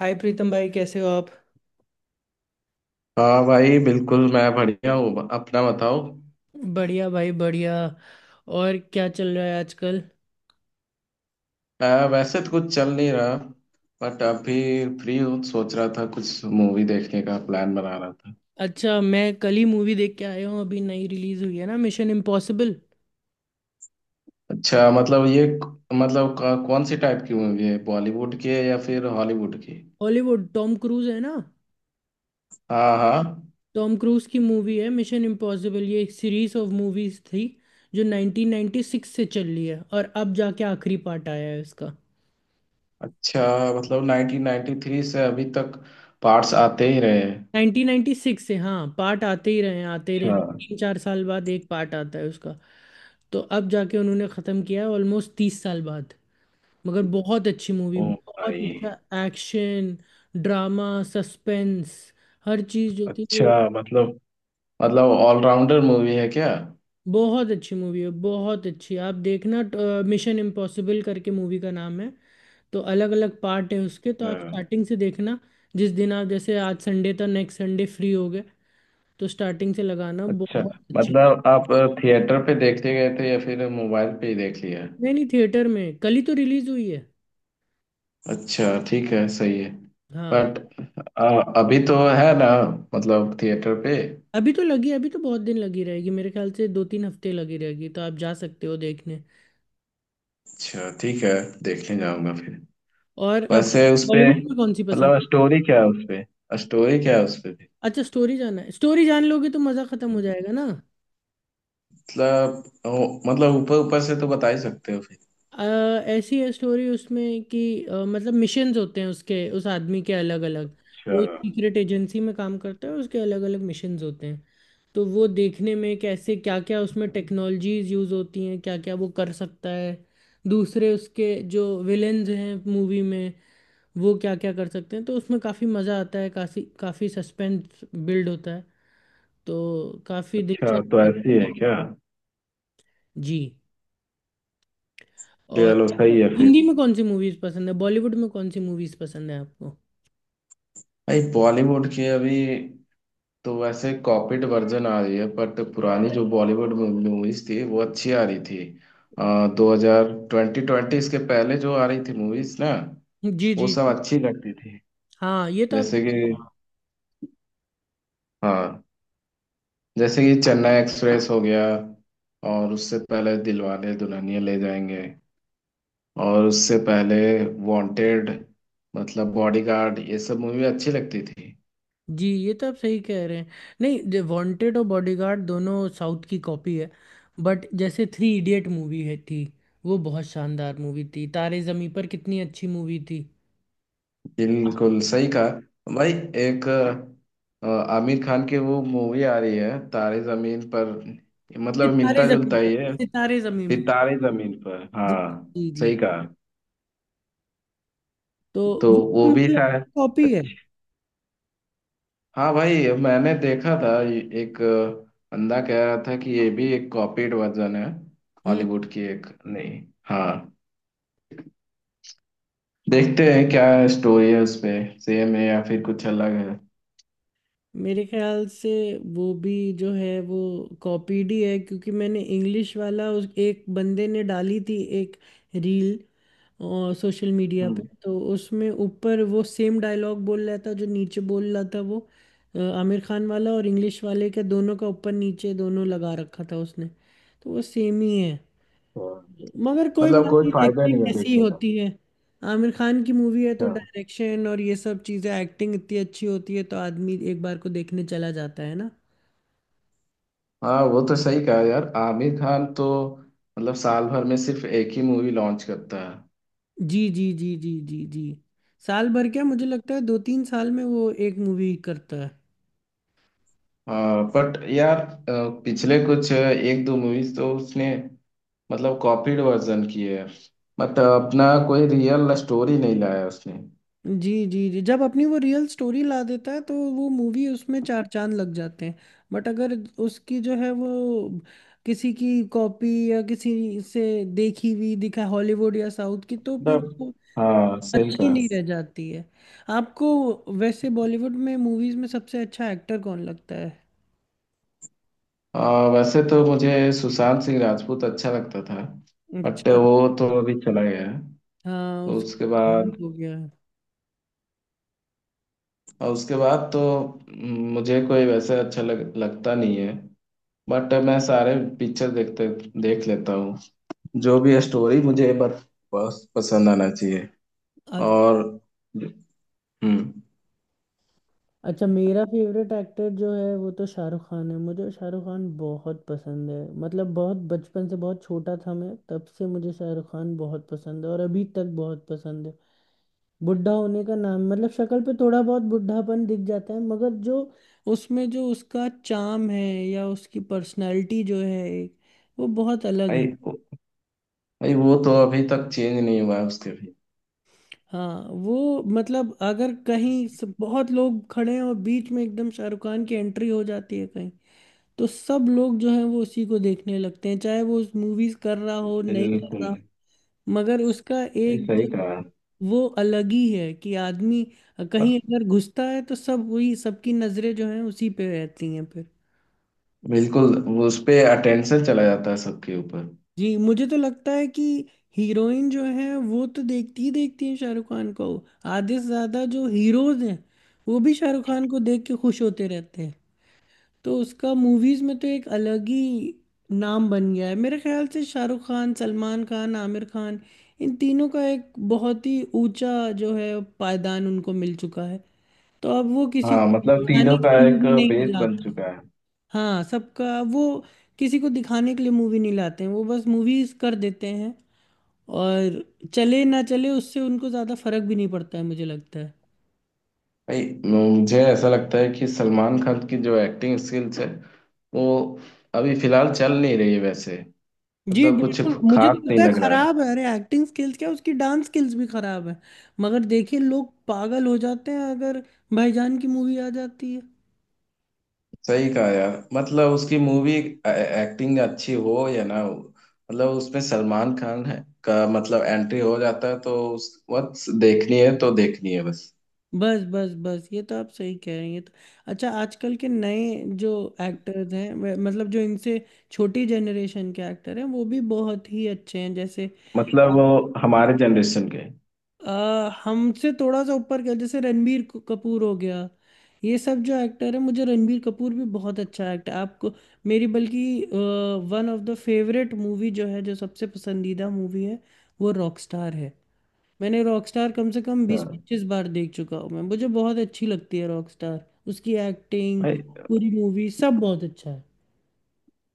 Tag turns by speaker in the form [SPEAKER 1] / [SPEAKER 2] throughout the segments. [SPEAKER 1] हाय प्रीतम भाई, कैसे हो आप।
[SPEAKER 2] हाँ भाई, बिल्कुल। मैं बढ़िया हूँ, अपना बताओ।
[SPEAKER 1] बढ़िया भाई, बढ़िया। और क्या चल रहा है आजकल।
[SPEAKER 2] वैसे तो कुछ चल नहीं रहा, बट अभी फ्री हूँ, सोच रहा था कुछ मूवी देखने का प्लान बना रहा था।
[SPEAKER 1] अच्छा, मैं कल ही मूवी देख के आया हूँ। अभी नई रिलीज हुई है ना, मिशन इम्पॉसिबल।
[SPEAKER 2] अच्छा, मतलब ये मतलब कौन सी टाइप की मूवी है, बॉलीवुड की है या फिर हॉलीवुड की?
[SPEAKER 1] हॉलीवुड, टॉम क्रूज है ना।
[SPEAKER 2] हाँ, हाँ।
[SPEAKER 1] टॉम क्रूज की मूवी है मिशन इम्पॉसिबल। ये एक सीरीज ऑफ मूवीज थी जो 1996 से चल रही है और अब जाके आखिरी पार्ट आया है इसका।
[SPEAKER 2] अच्छा, मतलब 1993 से अभी तक पार्ट्स आते ही रहे हैं।
[SPEAKER 1] 1996 से, हाँ, पार्ट आते ही रहे हैं, आते ही रहे हैं।
[SPEAKER 2] अच्छा।
[SPEAKER 1] 3-4 साल बाद एक पार्ट आता है उसका। तो अब जाके उन्होंने ख़त्म किया है ऑलमोस्ट 30 साल बाद। मगर बहुत अच्छी मूवी,
[SPEAKER 2] ओ
[SPEAKER 1] बहुत
[SPEAKER 2] भाई।
[SPEAKER 1] अच्छा एक्शन, ड्रामा, सस्पेंस, हर चीज़ जो थी वो।
[SPEAKER 2] अच्छा, मतलब ऑलराउंडर मूवी है क्या?
[SPEAKER 1] बहुत अच्छी मूवी है, बहुत अच्छी, आप देखना। मिशन इम्पॉसिबल करके मूवी का नाम है। तो अलग अलग पार्ट है उसके, तो आप स्टार्टिंग से देखना। जिस दिन आप जैसे आज संडे था, नेक्स्ट संडे फ्री हो गए, तो स्टार्टिंग से लगाना,
[SPEAKER 2] अच्छा,
[SPEAKER 1] बहुत अच्छी।
[SPEAKER 2] मतलब आप थिएटर पे देखने गए थे या फिर मोबाइल पे ही देख लिया?
[SPEAKER 1] नहीं नहीं, थिएटर में कल ही तो रिलीज हुई है।
[SPEAKER 2] अच्छा, ठीक है, सही है।
[SPEAKER 1] हाँ,
[SPEAKER 2] बट अभी तो है ना, मतलब थिएटर पे?
[SPEAKER 1] अभी तो लगी, अभी तो बहुत दिन लगी रहेगी। मेरे ख्याल से 2-3 हफ्ते लगी रहेगी, तो आप जा सकते हो देखने।
[SPEAKER 2] अच्छा, ठीक है, देखने जाऊंगा फिर।
[SPEAKER 1] और आप
[SPEAKER 2] वैसे उसपे
[SPEAKER 1] बॉलीवुड में कौन सी पसंद।
[SPEAKER 2] मतलब स्टोरी क्या है उसपे? स्टोरी क्या है उसपे भी?
[SPEAKER 1] अच्छा, स्टोरी जानना है। स्टोरी जान लोगे तो मज़ा ख़त्म हो जाएगा ना।
[SPEAKER 2] मतलब ऊपर ऊपर से तो बता ही सकते हो फिर।
[SPEAKER 1] अ, ऐसी है स्टोरी उसमें कि मतलब मिशंस होते हैं उसके, उस आदमी के अलग अलग।
[SPEAKER 2] अच्छा।
[SPEAKER 1] वो एक सीक्रेट एजेंसी में काम करता है, उसके अलग अलग मिशंस होते हैं। तो वो देखने में कैसे, क्या क्या उसमें टेक्नोलॉजीज यूज़ होती हैं, क्या क्या वो कर सकता है, दूसरे उसके जो विलेन्स हैं मूवी में, वो क्या क्या कर सकते हैं। तो उसमें काफ़ी मज़ा आता है, काफ़ी काफ़ी सस्पेंस बिल्ड होता है, तो काफी
[SPEAKER 2] अच्छा,
[SPEAKER 1] दिलचस्प
[SPEAKER 2] तो ऐसी
[SPEAKER 1] होता है।
[SPEAKER 2] है क्या?
[SPEAKER 1] जी। और
[SPEAKER 2] चलो,
[SPEAKER 1] आपको
[SPEAKER 2] सही है फिर।
[SPEAKER 1] हिंदी में कौन सी मूवीज पसंद है, बॉलीवुड में कौन सी मूवीज पसंद है आपको।
[SPEAKER 2] भाई, बॉलीवुड के अभी तो वैसे कॉपीड वर्जन आ रही है, बट पुरानी जो बॉलीवुड मूवीज थी वो अच्छी आ रही थी। 2020 ट्वेंटी इसके पहले जो आ रही थी मूवीज ना,
[SPEAKER 1] जी जी
[SPEAKER 2] वो सब
[SPEAKER 1] जी।
[SPEAKER 2] अच्छी लगती थी।
[SPEAKER 1] हाँ ये तो आप।
[SPEAKER 2] जैसे कि, हाँ, जैसे कि चेन्नई एक्सप्रेस हो गया, और उससे पहले दिलवाले दुल्हनिया ले जाएंगे, और उससे पहले वांटेड, मतलब बॉडीगार्ड, ये सब मूवी अच्छी लगती थी।
[SPEAKER 1] जी, ये तो आप सही कह रहे हैं। नहीं, वांटेड और बॉडीगार्ड दोनों साउथ की कॉपी है। बट जैसे थ्री इडियट मूवी है थी, वो बहुत शानदार मूवी थी। तारे जमीन पर, कितनी अच्छी मूवी थी।
[SPEAKER 2] बिल्कुल सही कहा भाई। एक अ, आमिर खान की वो मूवी आ रही है तारे जमीन पर, मतलब
[SPEAKER 1] सितारे
[SPEAKER 2] मिलता जुलता
[SPEAKER 1] जमीन पर,
[SPEAKER 2] ही है।
[SPEAKER 1] सितारे जमीन
[SPEAKER 2] फिर
[SPEAKER 1] पर।
[SPEAKER 2] तारे जमीन पर,
[SPEAKER 1] जी
[SPEAKER 2] हाँ,
[SPEAKER 1] जी जी।
[SPEAKER 2] सही कहा।
[SPEAKER 1] तो
[SPEAKER 2] तो
[SPEAKER 1] वो तो
[SPEAKER 2] वो भी
[SPEAKER 1] मतलब
[SPEAKER 2] शायद।
[SPEAKER 1] कॉपी है।
[SPEAKER 2] अच्छा। हाँ भाई, मैंने देखा था, एक बंदा कह रहा था कि ये भी एक कॉपीड वर्जन है,
[SPEAKER 1] हम्म।
[SPEAKER 2] हॉलीवुड की। एक नहीं। हाँ। देखते हैं क्या स्टोरी है उस पे, सेम है या फिर कुछ अलग है।
[SPEAKER 1] मेरे ख्याल से वो भी जो है वो कॉपीड ही है, क्योंकि मैंने इंग्लिश वाला, उस एक बंदे ने डाली थी एक रील और सोशल मीडिया पे,
[SPEAKER 2] हम्म।
[SPEAKER 1] तो उसमें ऊपर वो सेम डायलॉग बोल रहा था जो नीचे बोल रहा था वो। आमिर खान वाला और इंग्लिश वाले के दोनों का ऊपर नीचे दोनों लगा रखा था उसने। तो वो सेम ही है।
[SPEAKER 2] तो
[SPEAKER 1] मगर कोई बात
[SPEAKER 2] मतलब कोई
[SPEAKER 1] नहीं,
[SPEAKER 2] फायदा
[SPEAKER 1] देखते हैं
[SPEAKER 2] नहीं है
[SPEAKER 1] कैसी
[SPEAKER 2] देखने
[SPEAKER 1] होती है। आमिर खान की मूवी है, तो
[SPEAKER 2] का।
[SPEAKER 1] डायरेक्शन और ये सब चीजें, एक्टिंग इतनी अच्छी होती है, तो आदमी एक बार को देखने चला जाता है ना।
[SPEAKER 2] हाँ, वो तो सही कहा यार। आमिर खान तो मतलब साल भर में सिर्फ एक ही मूवी लॉन्च करता है।
[SPEAKER 1] जी जी जी जी जी जी। साल भर क्या, मुझे लगता है 2-3 साल में वो एक मूवी करता है।
[SPEAKER 2] हाँ, बट यार पिछले कुछ एक दो मूवीज तो उसने मतलब कॉपीड वर्जन किए हैं, मतलब अपना कोई रियल स्टोरी नहीं लाया उसने।
[SPEAKER 1] जी जी जी। जब अपनी वो रियल स्टोरी ला देता है, तो वो मूवी, उसमें चार चांद लग जाते हैं। बट अगर उसकी जो है वो किसी की कॉपी, या किसी से देखी हुई दिखा, हॉलीवुड या साउथ की, तो फिर
[SPEAKER 2] मतलब
[SPEAKER 1] वो
[SPEAKER 2] हाँ, सही
[SPEAKER 1] अच्छी
[SPEAKER 2] कहा।
[SPEAKER 1] नहीं रह जाती है। आपको वैसे बॉलीवुड में मूवीज में सबसे अच्छा एक्टर कौन लगता है।
[SPEAKER 2] वैसे तो मुझे सुशांत सिंह राजपूत अच्छा लगता था, बट
[SPEAKER 1] अच्छा।
[SPEAKER 2] वो तो अभी चला गया है,
[SPEAKER 1] हाँ,
[SPEAKER 2] तो
[SPEAKER 1] उसका
[SPEAKER 2] उसके
[SPEAKER 1] देहांत
[SPEAKER 2] बाद।
[SPEAKER 1] हो गया।
[SPEAKER 2] और उसके बाद तो मुझे कोई वैसे अच्छा लगता नहीं है। बट मैं सारे पिक्चर देख लेता हूँ। जो भी है स्टोरी, मुझे बस बस पसंद आना चाहिए।
[SPEAKER 1] अच्छा।
[SPEAKER 2] और, हम्म।
[SPEAKER 1] अच्छा, मेरा फेवरेट एक्टर जो है वो तो शाहरुख खान है। मुझे शाहरुख खान बहुत पसंद है। मतलब बहुत बचपन से, बहुत छोटा था मैं तब से मुझे शाहरुख खान बहुत पसंद है, और अभी तक बहुत पसंद है। बुढ़ा होने का नाम, मतलब शक्ल पे थोड़ा बहुत बुढ़ापन दिख जाता है, मगर जो उसमें जो उसका चाम है, या उसकी पर्सनालिटी जो है वो बहुत अलग है।
[SPEAKER 2] भाई, भाई वो तो अभी तक चेंज नहीं हुआ है उसके भी।
[SPEAKER 1] हाँ वो मतलब, अगर कहीं बहुत लोग खड़े हैं और बीच में एकदम शाहरुख खान की एंट्री हो जाती है कहीं, तो सब लोग जो है वो उसी को देखने लगते हैं, चाहे वो उस मूवीज कर रहा हो नहीं कर
[SPEAKER 2] बिल्कुल।
[SPEAKER 1] रहा। मगर उसका
[SPEAKER 2] भाई
[SPEAKER 1] एक
[SPEAKER 2] सही कहा।
[SPEAKER 1] वो अलग ही है कि आदमी कहीं
[SPEAKER 2] मत-
[SPEAKER 1] अगर घुसता है, तो सब वही, सबकी नजरें जो हैं उसी पे रहती हैं फिर।
[SPEAKER 2] बिल्कुल, वो उस पे अटेंशन चला जाता है सबके ऊपर।
[SPEAKER 1] जी, मुझे तो लगता है कि हीरोइन जो है वो तो देखती ही देखती है शाहरुख खान को। आधे से ज्यादा जो हीरोज हैं, वो भी शाहरुख खान को देख के खुश होते रहते हैं। तो उसका मूवीज में तो एक अलग ही नाम बन गया है। मेरे ख्याल से शाहरुख खान, सलमान खान, आमिर खान, इन तीनों का एक बहुत ही ऊंचा, जो है, पायदान उनको मिल चुका है। तो अब वो किसी
[SPEAKER 2] हाँ,
[SPEAKER 1] को
[SPEAKER 2] मतलब
[SPEAKER 1] दिखाने
[SPEAKER 2] तीनों का
[SPEAKER 1] के लिए
[SPEAKER 2] एक
[SPEAKER 1] मूवी नहीं
[SPEAKER 2] बेस बन
[SPEAKER 1] लाते।
[SPEAKER 2] चुका है।
[SPEAKER 1] हाँ सबका वो, किसी को दिखाने के लिए मूवी नहीं लाते हैं, वो बस मूवीज कर देते हैं। और चले ना चले, उससे उनको ज्यादा फर्क भी नहीं पड़ता है मुझे लगता है।
[SPEAKER 2] भाई, मुझे ऐसा लगता है कि सलमान खान की जो एक्टिंग स्किल्स है वो अभी फिलहाल चल नहीं रही है वैसे,
[SPEAKER 1] जी
[SPEAKER 2] मतलब कुछ
[SPEAKER 1] बिल्कुल, मुझे
[SPEAKER 2] खास
[SPEAKER 1] तो
[SPEAKER 2] नहीं
[SPEAKER 1] लगता है
[SPEAKER 2] लग रहा है।
[SPEAKER 1] खराब है। अरे एक्टिंग स्किल्स क्या, उसकी डांस स्किल्स भी खराब है। मगर देखिए लोग पागल हो जाते हैं अगर भाईजान की मूवी आ जाती है।
[SPEAKER 2] सही कहा यार। मतलब उसकी मूवी, एक्टिंग अच्छी हो या ना हो, मतलब उसमें सलमान खान है का मतलब एंट्री हो जाता है, तो उस वक्त देखनी है तो देखनी है बस।
[SPEAKER 1] बस बस बस, ये तो आप सही कह रही हैं, तो अच्छा, आजकल के नए जो एक्टर्स हैं मतलब जो इनसे छोटी जनरेशन के एक्टर हैं, वो भी बहुत ही अच्छे हैं, जैसे
[SPEAKER 2] मतलब वो हमारे जनरेशन के हैं।
[SPEAKER 1] हमसे थोड़ा सा ऊपर का, जैसे रणबीर कपूर हो गया। ये सब जो एक्टर है, मुझे रणबीर कपूर भी बहुत अच्छा एक्टर। आपको मेरी बल्कि one of the favourite movie जो है, जो सबसे पसंदीदा मूवी है, वो रॉकस्टार है। मैंने रॉकस्टार कम से कम बीस
[SPEAKER 2] हाँ
[SPEAKER 1] पच्चीस बार देख चुका हूँ मैं। मुझे बहुत अच्छी लगती है रॉकस्टार, उसकी एक्टिंग,
[SPEAKER 2] भाई।
[SPEAKER 1] पूरी मूवी, सब बहुत अच्छा है।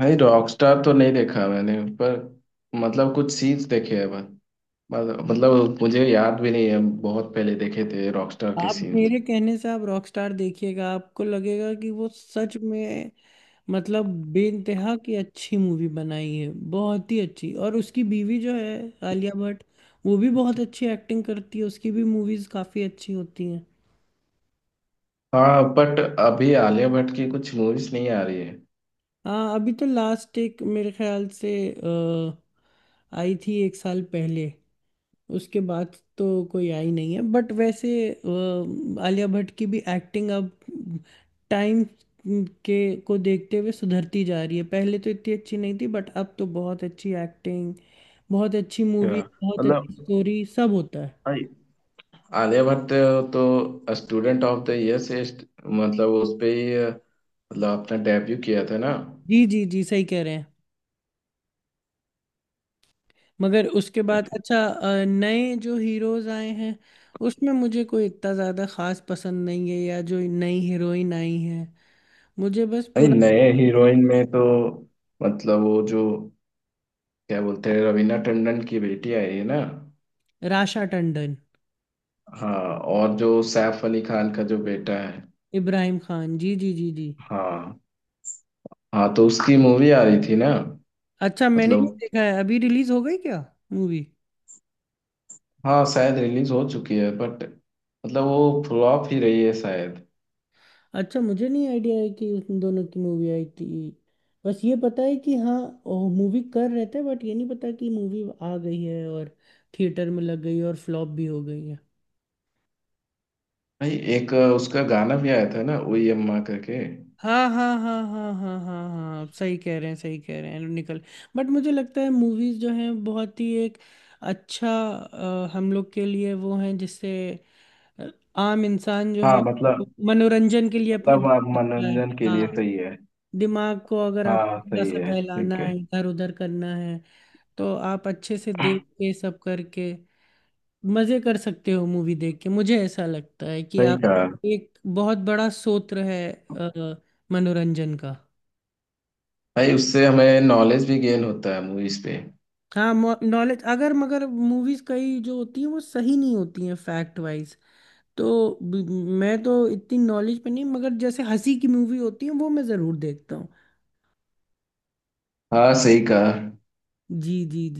[SPEAKER 2] भाई, रॉकस्टार तो नहीं देखा मैंने, पर मतलब कुछ सीन्स देखे हैं बस। मतलब मुझे याद भी नहीं है, बहुत पहले देखे थे रॉकस्टार के
[SPEAKER 1] आप
[SPEAKER 2] सीन्स।
[SPEAKER 1] मेरे कहने से आप रॉकस्टार देखिएगा, आपको लगेगा कि वो सच में मतलब बेइंतहा की अच्छी मूवी बनाई है, बहुत ही अच्छी। और उसकी बीवी जो है आलिया भट्ट, वो भी बहुत अच्छी एक्टिंग करती है, उसकी भी मूवीज काफी अच्छी होती हैं।
[SPEAKER 2] हाँ, बट अभी आलिया भट्ट की कुछ मूवीज नहीं आ रही है।
[SPEAKER 1] हाँ, अभी तो लास्ट एक, मेरे ख्याल से आई थी 1 साल पहले, उसके बाद तो कोई आई नहीं है। बट वैसे आलिया भट्ट की भी एक्टिंग अब टाइम के को देखते हुए सुधरती जा रही है। पहले तो इतनी अच्छी नहीं थी, बट अब तो बहुत अच्छी एक्टिंग, बहुत अच्छी मूवी,
[SPEAKER 2] हाँ,
[SPEAKER 1] बहुत
[SPEAKER 2] मतलब
[SPEAKER 1] अच्छी स्टोरी, सब होता है।
[SPEAKER 2] आर्यभट्ट तो स्टूडेंट ऑफ द ईयर से मतलब उस पे ही मतलब अपना डेब्यू किया था ना।
[SPEAKER 1] जी जी जी, सही कह रहे हैं। मगर उसके बाद अच्छा, नए जो हीरोज आए हैं, उसमें मुझे कोई इतना ज़्यादा खास पसंद नहीं है, या जो नई हीरोइन आई है, मुझे बस
[SPEAKER 2] नहीं,
[SPEAKER 1] पूरा।
[SPEAKER 2] नए हीरोइन में तो मतलब वो जो क्या बोलते हैं, रवीना टंडन की बेटी आई है ना।
[SPEAKER 1] राशा टंडन।
[SPEAKER 2] हाँ। और जो सैफ अली खान का जो बेटा है।
[SPEAKER 1] इब्राहिम खान, जी जी जी जी।
[SPEAKER 2] हाँ, हाँ, तो उसकी मूवी आ रही थी ना।
[SPEAKER 1] अच्छा, मैंने नहीं
[SPEAKER 2] मतलब
[SPEAKER 1] देखा है। अभी रिलीज हो गई क्या मूवी।
[SPEAKER 2] हाँ, शायद रिलीज हो चुकी है, बट मतलब वो फ्लॉप ही रही है शायद।
[SPEAKER 1] अच्छा, मुझे नहीं आइडिया है कि उन दोनों की मूवी आई थी। बस ये पता है कि हाँ मूवी कर रहे थे, बट ये नहीं पता कि मूवी आ गई है और थिएटर में लग गई और फ्लॉप भी हो गई है।
[SPEAKER 2] भाई, एक उसका गाना भी आया था ना, ओ अम्मा करके।
[SPEAKER 1] हाँ हाँ हाँ हाँ हाँ हाँ हाँ, आप सही कह रहे हैं, सही कह रहे हैं। निकल, बट मुझे लगता है मूवीज जो हैं, बहुत ही एक अच्छा, हम लोग के लिए वो हैं, जिससे आम इंसान जो है,
[SPEAKER 2] हाँ,
[SPEAKER 1] वो
[SPEAKER 2] मतलब
[SPEAKER 1] मनोरंजन के लिए अपने
[SPEAKER 2] मतलब
[SPEAKER 1] देख
[SPEAKER 2] आप
[SPEAKER 1] सकता है।
[SPEAKER 2] मनोरंजन के लिए
[SPEAKER 1] हाँ,
[SPEAKER 2] सही है।
[SPEAKER 1] दिमाग को अगर आपको
[SPEAKER 2] हाँ,
[SPEAKER 1] थोड़ा
[SPEAKER 2] सही
[SPEAKER 1] सा
[SPEAKER 2] है,
[SPEAKER 1] बहलाना
[SPEAKER 2] ठीक है।
[SPEAKER 1] है, इधर उधर करना है, तो आप अच्छे से देख के सब करके मजे कर सकते हो, मूवी देख के। मुझे ऐसा लगता है कि
[SPEAKER 2] सही
[SPEAKER 1] आप
[SPEAKER 2] कहा।
[SPEAKER 1] एक बहुत बड़ा स्रोत है अ, मनोरंजन का।
[SPEAKER 2] भाई, उससे हमें नॉलेज भी गेन होता है मूवीज पे।
[SPEAKER 1] हाँ, नॉलेज अगर मगर मूवीज कई जो होती हैं वो सही नहीं होती हैं फैक्ट वाइज। तो मैं तो इतनी नॉलेज पे नहीं, मगर जैसे हंसी की मूवी होती है वो मैं जरूर देखता हूँ।
[SPEAKER 2] हाँ, सही कहा।
[SPEAKER 1] जी जी।